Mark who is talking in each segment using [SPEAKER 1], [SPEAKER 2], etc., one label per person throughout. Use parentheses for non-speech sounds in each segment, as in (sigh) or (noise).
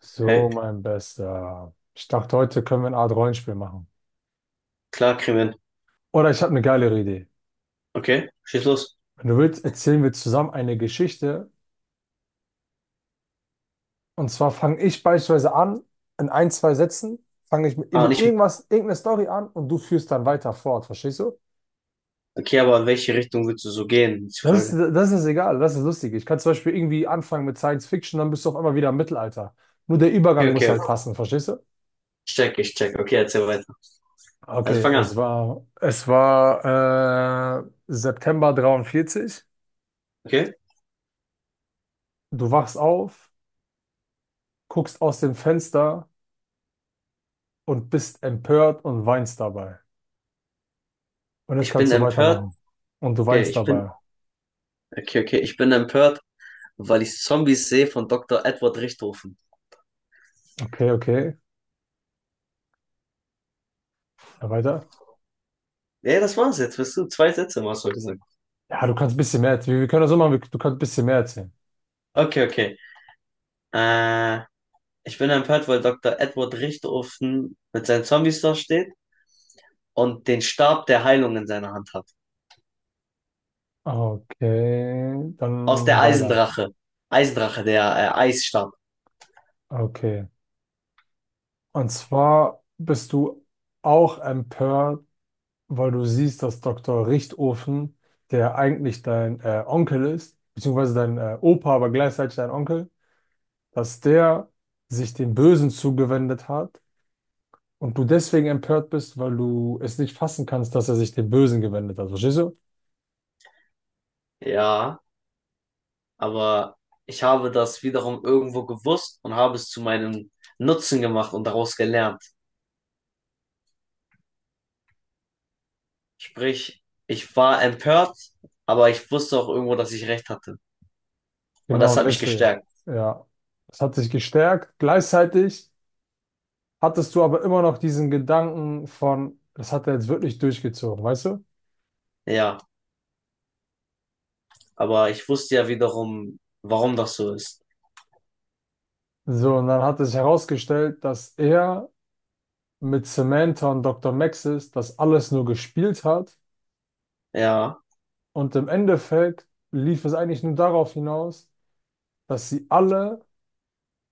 [SPEAKER 1] So,
[SPEAKER 2] Hey,
[SPEAKER 1] mein Bester. Ich dachte, heute können wir eine Art Rollenspiel machen.
[SPEAKER 2] klar, kriegen.
[SPEAKER 1] Oder ich habe eine geilere Idee.
[SPEAKER 2] Okay, schieß los.
[SPEAKER 1] Wenn du willst, erzählen wir zusammen eine Geschichte. Und zwar fange ich beispielsweise an, in ein, zwei Sätzen, fange ich mit,
[SPEAKER 2] Ah,
[SPEAKER 1] mit
[SPEAKER 2] nicht.
[SPEAKER 1] irgendwas, irgendeiner Story an und du führst dann weiter fort, verstehst du?
[SPEAKER 2] Okay, aber in welche Richtung willst du so gehen, ist die
[SPEAKER 1] Das
[SPEAKER 2] Frage.
[SPEAKER 1] ist, das ist egal, das ist lustig. Ich kann zum Beispiel irgendwie anfangen mit Science Fiction, dann bist du auf einmal wieder im Mittelalter. Nur der Übergang
[SPEAKER 2] Okay,
[SPEAKER 1] muss
[SPEAKER 2] okay.
[SPEAKER 1] halt passen, verstehst du?
[SPEAKER 2] Ich check, ich check. Okay, erzähl weiter. Also
[SPEAKER 1] Okay,
[SPEAKER 2] fang
[SPEAKER 1] es
[SPEAKER 2] an.
[SPEAKER 1] war, es war äh, September 43.
[SPEAKER 2] Okay?
[SPEAKER 1] Du wachst auf, guckst aus dem Fenster und bist empört und weinst dabei. Und jetzt
[SPEAKER 2] Ich
[SPEAKER 1] kannst
[SPEAKER 2] bin
[SPEAKER 1] du
[SPEAKER 2] empört.
[SPEAKER 1] weitermachen. Und du
[SPEAKER 2] Okay,
[SPEAKER 1] weinst
[SPEAKER 2] ich bin.
[SPEAKER 1] dabei.
[SPEAKER 2] Okay, okay. Ich bin empört, weil ich Zombies sehe von Doktor Edward Richthofen.
[SPEAKER 1] Okay, okay. Ja, weiter.
[SPEAKER 2] Ja, das war's jetzt. Bist du zwei Sätze, hast du gesagt.
[SPEAKER 1] Ja, du kannst ein bisschen mehr erzählen. Wir können das so machen, wir- du kannst ein bisschen mehr erzählen.
[SPEAKER 2] Okay, okay. Äh, Ich bin empört, weil Doktor Edward Richthofen mit seinen Zombies da steht und den Stab der Heilung in seiner Hand hat.
[SPEAKER 1] Okay,
[SPEAKER 2] Aus
[SPEAKER 1] dann
[SPEAKER 2] der
[SPEAKER 1] weiter.
[SPEAKER 2] Eisendrache. Eisdrache, der Eisstab.
[SPEAKER 1] Okay. Und zwar bist du auch empört, weil du siehst, dass Dr. Richtofen, der eigentlich dein Onkel ist, beziehungsweise dein Opa, aber gleichzeitig dein Onkel, dass der sich dem Bösen zugewendet hat. Und du deswegen empört bist, weil du es nicht fassen kannst, dass er sich dem Bösen gewendet hat. Verstehst du?
[SPEAKER 2] Ja, aber ich habe das wiederum irgendwo gewusst und habe es zu meinem Nutzen gemacht und daraus gelernt. Sprich, ich war empört, aber ich wusste auch irgendwo, dass ich recht hatte. Und
[SPEAKER 1] Genau,
[SPEAKER 2] das
[SPEAKER 1] und
[SPEAKER 2] hat mich
[SPEAKER 1] deswegen.
[SPEAKER 2] gestärkt.
[SPEAKER 1] Ja. Es hat sich gestärkt. Gleichzeitig hattest du aber immer noch diesen Gedanken von, das hat er jetzt wirklich durchgezogen, weißt du?
[SPEAKER 2] Ja, aber ich wusste ja wiederum, warum das so ist.
[SPEAKER 1] So, und dann hat es herausgestellt, dass er mit Samantha und Dr. Maxis das alles nur gespielt hat.
[SPEAKER 2] Ja,
[SPEAKER 1] Und im Endeffekt lief es eigentlich nur darauf hinaus, dass sie alle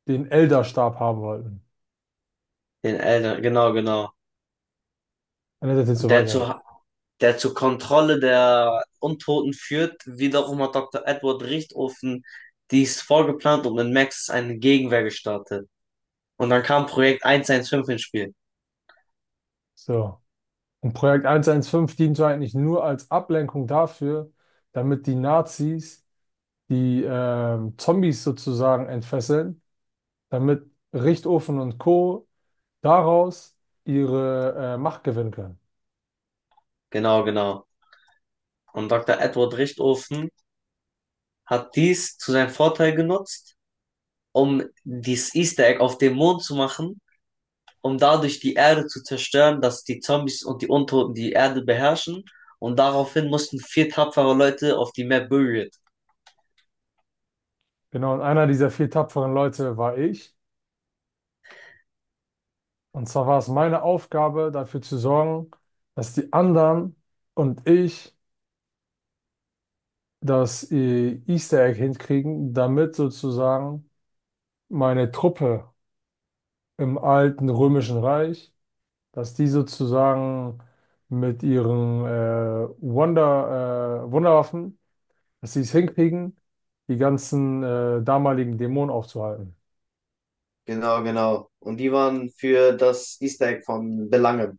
[SPEAKER 1] den Elderstab haben wollten.
[SPEAKER 2] den Eltern, genau, genau.
[SPEAKER 1] Und das jetzt so
[SPEAKER 2] Dazu,
[SPEAKER 1] weiter.
[SPEAKER 2] der zur Kontrolle der Untoten führt. Wiederum hat Dr. Edward Richtofen dies vorgeplant und in Max eine Gegenwehr gestartet. Und dann kam Projekt 115 ins Spiel.
[SPEAKER 1] So. Und Projekt 115 diente eigentlich nur als Ablenkung dafür, damit die Nazis die Zombies sozusagen entfesseln, damit Richtofen und Co. daraus ihre Macht gewinnen können.
[SPEAKER 2] Genau, genau. Und Dr. Edward Richtofen hat dies zu seinem Vorteil genutzt, um dieses Easter Egg auf dem Mond zu machen, um dadurch die Erde zu zerstören, dass die Zombies und die Untoten die Erde beherrschen. Und daraufhin mussten vier tapfere Leute auf die Map Buried.
[SPEAKER 1] Genau, und einer dieser vier tapferen Leute war ich. Und zwar war es meine Aufgabe, dafür zu sorgen, dass die anderen und ich das Easter Egg hinkriegen, damit sozusagen meine Truppe im alten Römischen Reich, dass die sozusagen mit ihren Wunderwaffen, dass sie es hinkriegen, die ganzen damaligen Dämonen aufzuhalten.
[SPEAKER 2] Genau, genau. Und die waren für das Easter Egg von Belangen.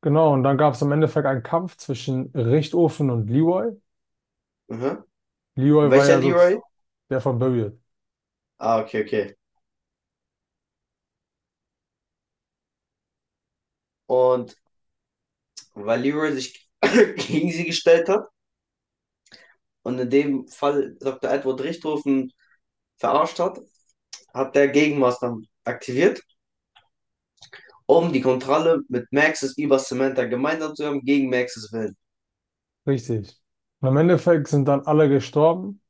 [SPEAKER 1] Genau, und dann gab es im Endeffekt einen Kampf zwischen Richtofen und Leroy.
[SPEAKER 2] Mhm.
[SPEAKER 1] Leroy war
[SPEAKER 2] Welcher
[SPEAKER 1] ja so z-
[SPEAKER 2] Leroy?
[SPEAKER 1] Der von Buried.
[SPEAKER 2] Ah, okay, okay. Und weil Leroy sich (coughs) (clears throat) gegen sie gestellt hat und in dem Fall Dr. Edward Richthofen verarscht hat, hat der Gegenmaßnahmen aktiviert, um die Kontrolle mit Maxis über Samantha gemeinsam zu haben, gegen Maxis Willen.
[SPEAKER 1] Richtig. Und im Endeffekt sind dann alle gestorben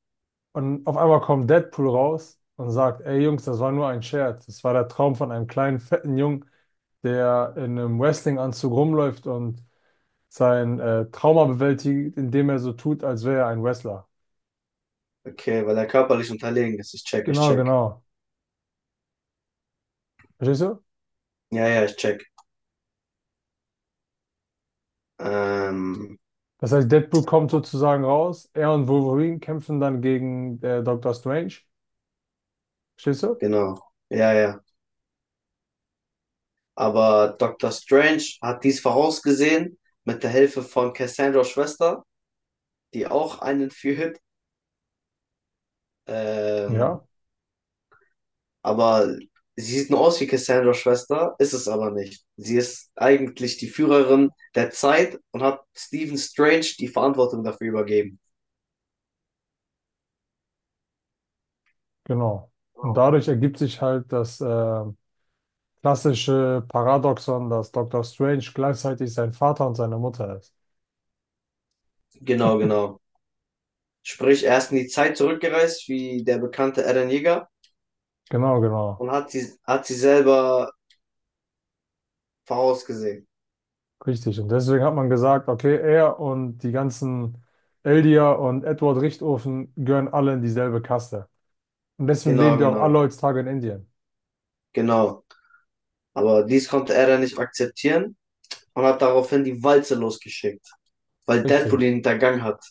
[SPEAKER 1] und auf einmal kommt Deadpool raus und sagt, ey Jungs, das war nur ein Scherz. Das war der Traum von einem kleinen, fetten Jungen, der in einem Wrestling-Anzug rumläuft und sein Trauma bewältigt, indem er so tut, als wäre er ein Wrestler.
[SPEAKER 2] Okay, weil er körperlich unterlegen ist. Ich check, ich
[SPEAKER 1] Genau,
[SPEAKER 2] check.
[SPEAKER 1] genau. Verstehst du?
[SPEAKER 2] Ja, ja, ich check. Ähm,
[SPEAKER 1] Das heißt, Deadpool kommt sozusagen raus, er und Wolverine kämpfen dann gegen Doctor Strange. Verstehst du?
[SPEAKER 2] Genau. Ja, ja. Aber Dr. Strange hat dies vorausgesehen mit der Hilfe von Cassandras Schwester, die auch einen führt. Ähm,
[SPEAKER 1] Ja,
[SPEAKER 2] aber sie sieht nur aus wie Cassandras Schwester, ist es aber nicht. Sie ist eigentlich die Führerin der Zeit und hat Stephen Strange die Verantwortung dafür übergeben.
[SPEAKER 1] genau. Und
[SPEAKER 2] Genau.
[SPEAKER 1] dadurch ergibt sich halt das klassische Paradoxon, dass Doctor Strange gleichzeitig sein Vater und seine Mutter ist.
[SPEAKER 2] Genau, genau. Sprich, er ist in die Zeit zurückgereist, wie der bekannte Eren Yeager,
[SPEAKER 1] Genau, genau.
[SPEAKER 2] und hat sie selber vorausgesehen.
[SPEAKER 1] Richtig. Und deswegen hat man gesagt, okay, er und die ganzen Eldia und Edward Richtofen gehören alle in dieselbe Kaste. Und deswegen leben
[SPEAKER 2] Genau,
[SPEAKER 1] die auch alle
[SPEAKER 2] genau,
[SPEAKER 1] heutzutage in Indien.
[SPEAKER 2] genau. Aber dies konnte Eren nicht akzeptieren und hat daraufhin die Walze losgeschickt, weil Deadpool ihn
[SPEAKER 1] Richtig,
[SPEAKER 2] hintergangen hat.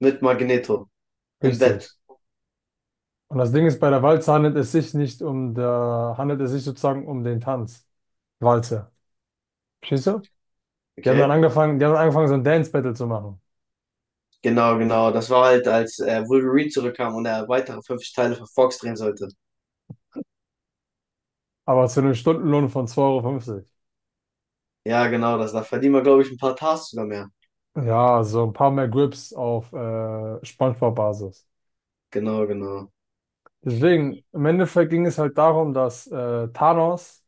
[SPEAKER 2] Mit Magneto. Im Bett.
[SPEAKER 1] richtig. Und das Ding ist, bei der Walze handelt es sich nicht um der, handelt es sich sozusagen um den Tanz. Walze. Verstehst du?
[SPEAKER 2] Okay?
[SPEAKER 1] Die haben dann angefangen, so ein Dance-Battle zu machen.
[SPEAKER 2] Genau, genau. Das war halt, als Wolverine zurückkam und er weitere 50 Teile für Fox drehen sollte.
[SPEAKER 1] Aber zu einem Stundenlohn von zwei Euro fünfzig.
[SPEAKER 2] Ja, genau, das, da verdienen wir, glaube ich, ein paar Tasks sogar mehr.
[SPEAKER 1] Ja, so ein paar mehr Grips auf SpongeBob-Basis.
[SPEAKER 2] Genau, genau.
[SPEAKER 1] Deswegen, im Endeffekt ging es halt darum, dass Thanos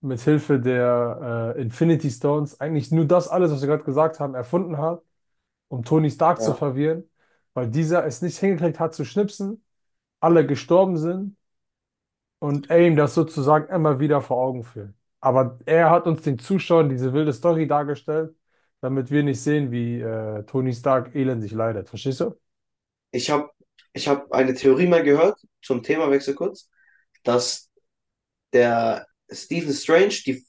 [SPEAKER 1] mit Hilfe der Infinity Stones eigentlich nur das alles, was wir gerade gesagt haben, erfunden hat, um Tony Stark zu
[SPEAKER 2] Ja.
[SPEAKER 1] verwirren, weil dieser es nicht hingekriegt hat zu schnipsen, alle gestorben sind und er ihm das sozusagen immer wieder vor Augen führt. Aber er hat uns den Zuschauern diese wilde Story dargestellt, damit wir nicht sehen, wie Tony Stark elendig leidet. Verstehst du?
[SPEAKER 2] Ich habe ich hab eine Theorie mal gehört, zum Themawechsel kurz, dass der Stephen Strange die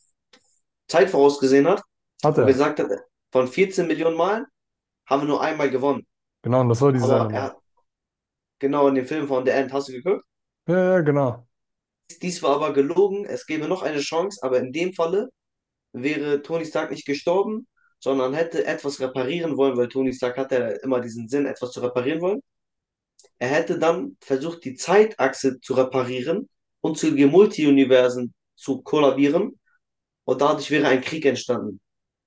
[SPEAKER 2] Zeit vorausgesehen hat
[SPEAKER 1] Hat
[SPEAKER 2] und
[SPEAKER 1] er.
[SPEAKER 2] gesagt hat, von 14 Millionen Malen haben wir nur einmal gewonnen.
[SPEAKER 1] Genau, und das war diese eine
[SPEAKER 2] Aber er
[SPEAKER 1] Mal.
[SPEAKER 2] hat genau in dem Film von The End, hast du geguckt?
[SPEAKER 1] Ja, ja, genau.
[SPEAKER 2] Dies war aber gelogen, es gäbe noch eine Chance, aber in dem Falle wäre Tony Stark nicht gestorben, sondern hätte etwas reparieren wollen, weil Tony Stark hatte ja immer diesen Sinn, etwas zu reparieren wollen. Er hätte dann versucht, die Zeitachse zu reparieren und zu den Multiuniversen zu kollabieren und dadurch wäre ein Krieg entstanden.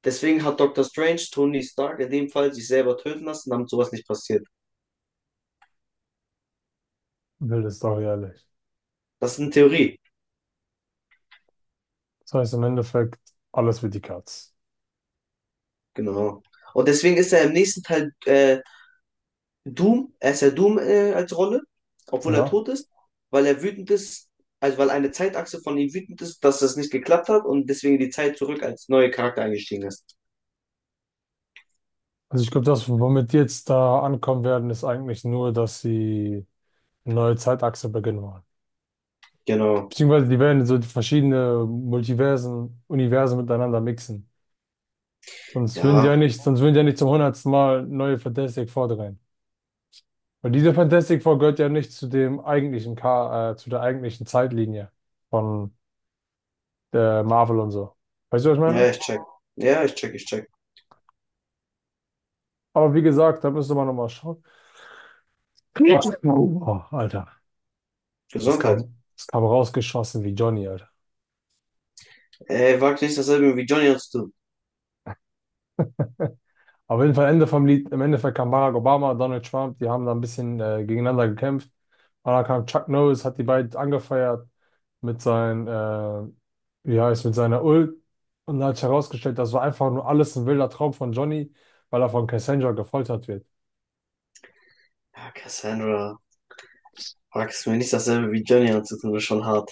[SPEAKER 2] Deswegen hat Doctor Strange Tony Stark in dem Fall sich selber töten lassen, damit sowas nicht passiert.
[SPEAKER 1] Wilde Story, ehrlich.
[SPEAKER 2] Das ist eine Theorie.
[SPEAKER 1] Das heißt im Endeffekt, alles für die Katz.
[SPEAKER 2] Genau. Und deswegen ist er im nächsten Teil Doom, er ist ja Doom als Rolle, obwohl er
[SPEAKER 1] Ja.
[SPEAKER 2] tot ist, weil er wütend ist, also weil eine Zeitachse von ihm wütend ist, dass das nicht geklappt hat und deswegen die Zeit zurück als neuer Charakter eingestiegen ist.
[SPEAKER 1] Also ich glaube, das, womit die jetzt da ankommen werden, ist eigentlich nur, dass sie eine neue Zeitachse beginnen wollen.
[SPEAKER 2] Genau.
[SPEAKER 1] Beziehungsweise die werden so verschiedene Multiversen, Universen miteinander mixen.
[SPEAKER 2] Ja,
[SPEAKER 1] Sonst würden die ja nicht zum hundertsten Mal neue Fantastic Four drehen. Weil diese Fantastic Four gehört ja nicht zu dem eigentlichen Ka zu der eigentlichen Zeitlinie von der Marvel und so. Weißt du, was ich
[SPEAKER 2] ja,
[SPEAKER 1] meine?
[SPEAKER 2] ich check. Ja, ich check, ich check.
[SPEAKER 1] Aber wie gesagt, da müsste man nochmal schauen. Oh, Alter,
[SPEAKER 2] Gesundheit.
[SPEAKER 1] das kam rausgeschossen wie Johnny, Alter.
[SPEAKER 2] Ey, wag nicht dasselbe wie Johnny anzutun.
[SPEAKER 1] Auf jeden Fall Ende vom Lied, im Endeffekt kam Barack Obama, Donald Trump, die haben da ein bisschen gegeneinander gekämpft. Oder kam Chuck Norris, hat die beiden angefeuert mit seinen, mit seiner Ult, und hat sich herausgestellt, das war einfach nur alles ein wilder Traum von Johnny, weil er von Cassandra gefoltert wird.
[SPEAKER 2] Ja, Cassandra, wag es mir nicht dasselbe wie Johnny anzutun, ist schon hart.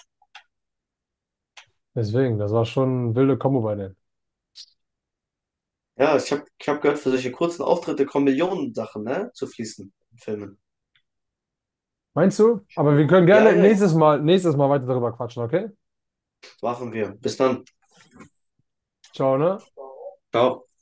[SPEAKER 1] Deswegen, das war schon eine wilde Kombo bei denen.
[SPEAKER 2] Ja, ich hab gehört, für solche kurzen Auftritte kommen Millionen Sachen, ne, zu fließen in Filmen.
[SPEAKER 1] Meinst du? Aber wir können
[SPEAKER 2] Ja,
[SPEAKER 1] gerne
[SPEAKER 2] ja,
[SPEAKER 1] nächstes Mal weiter darüber quatschen, okay?
[SPEAKER 2] machen wir. Bis dann.
[SPEAKER 1] Ciao, ne?
[SPEAKER 2] Ciao.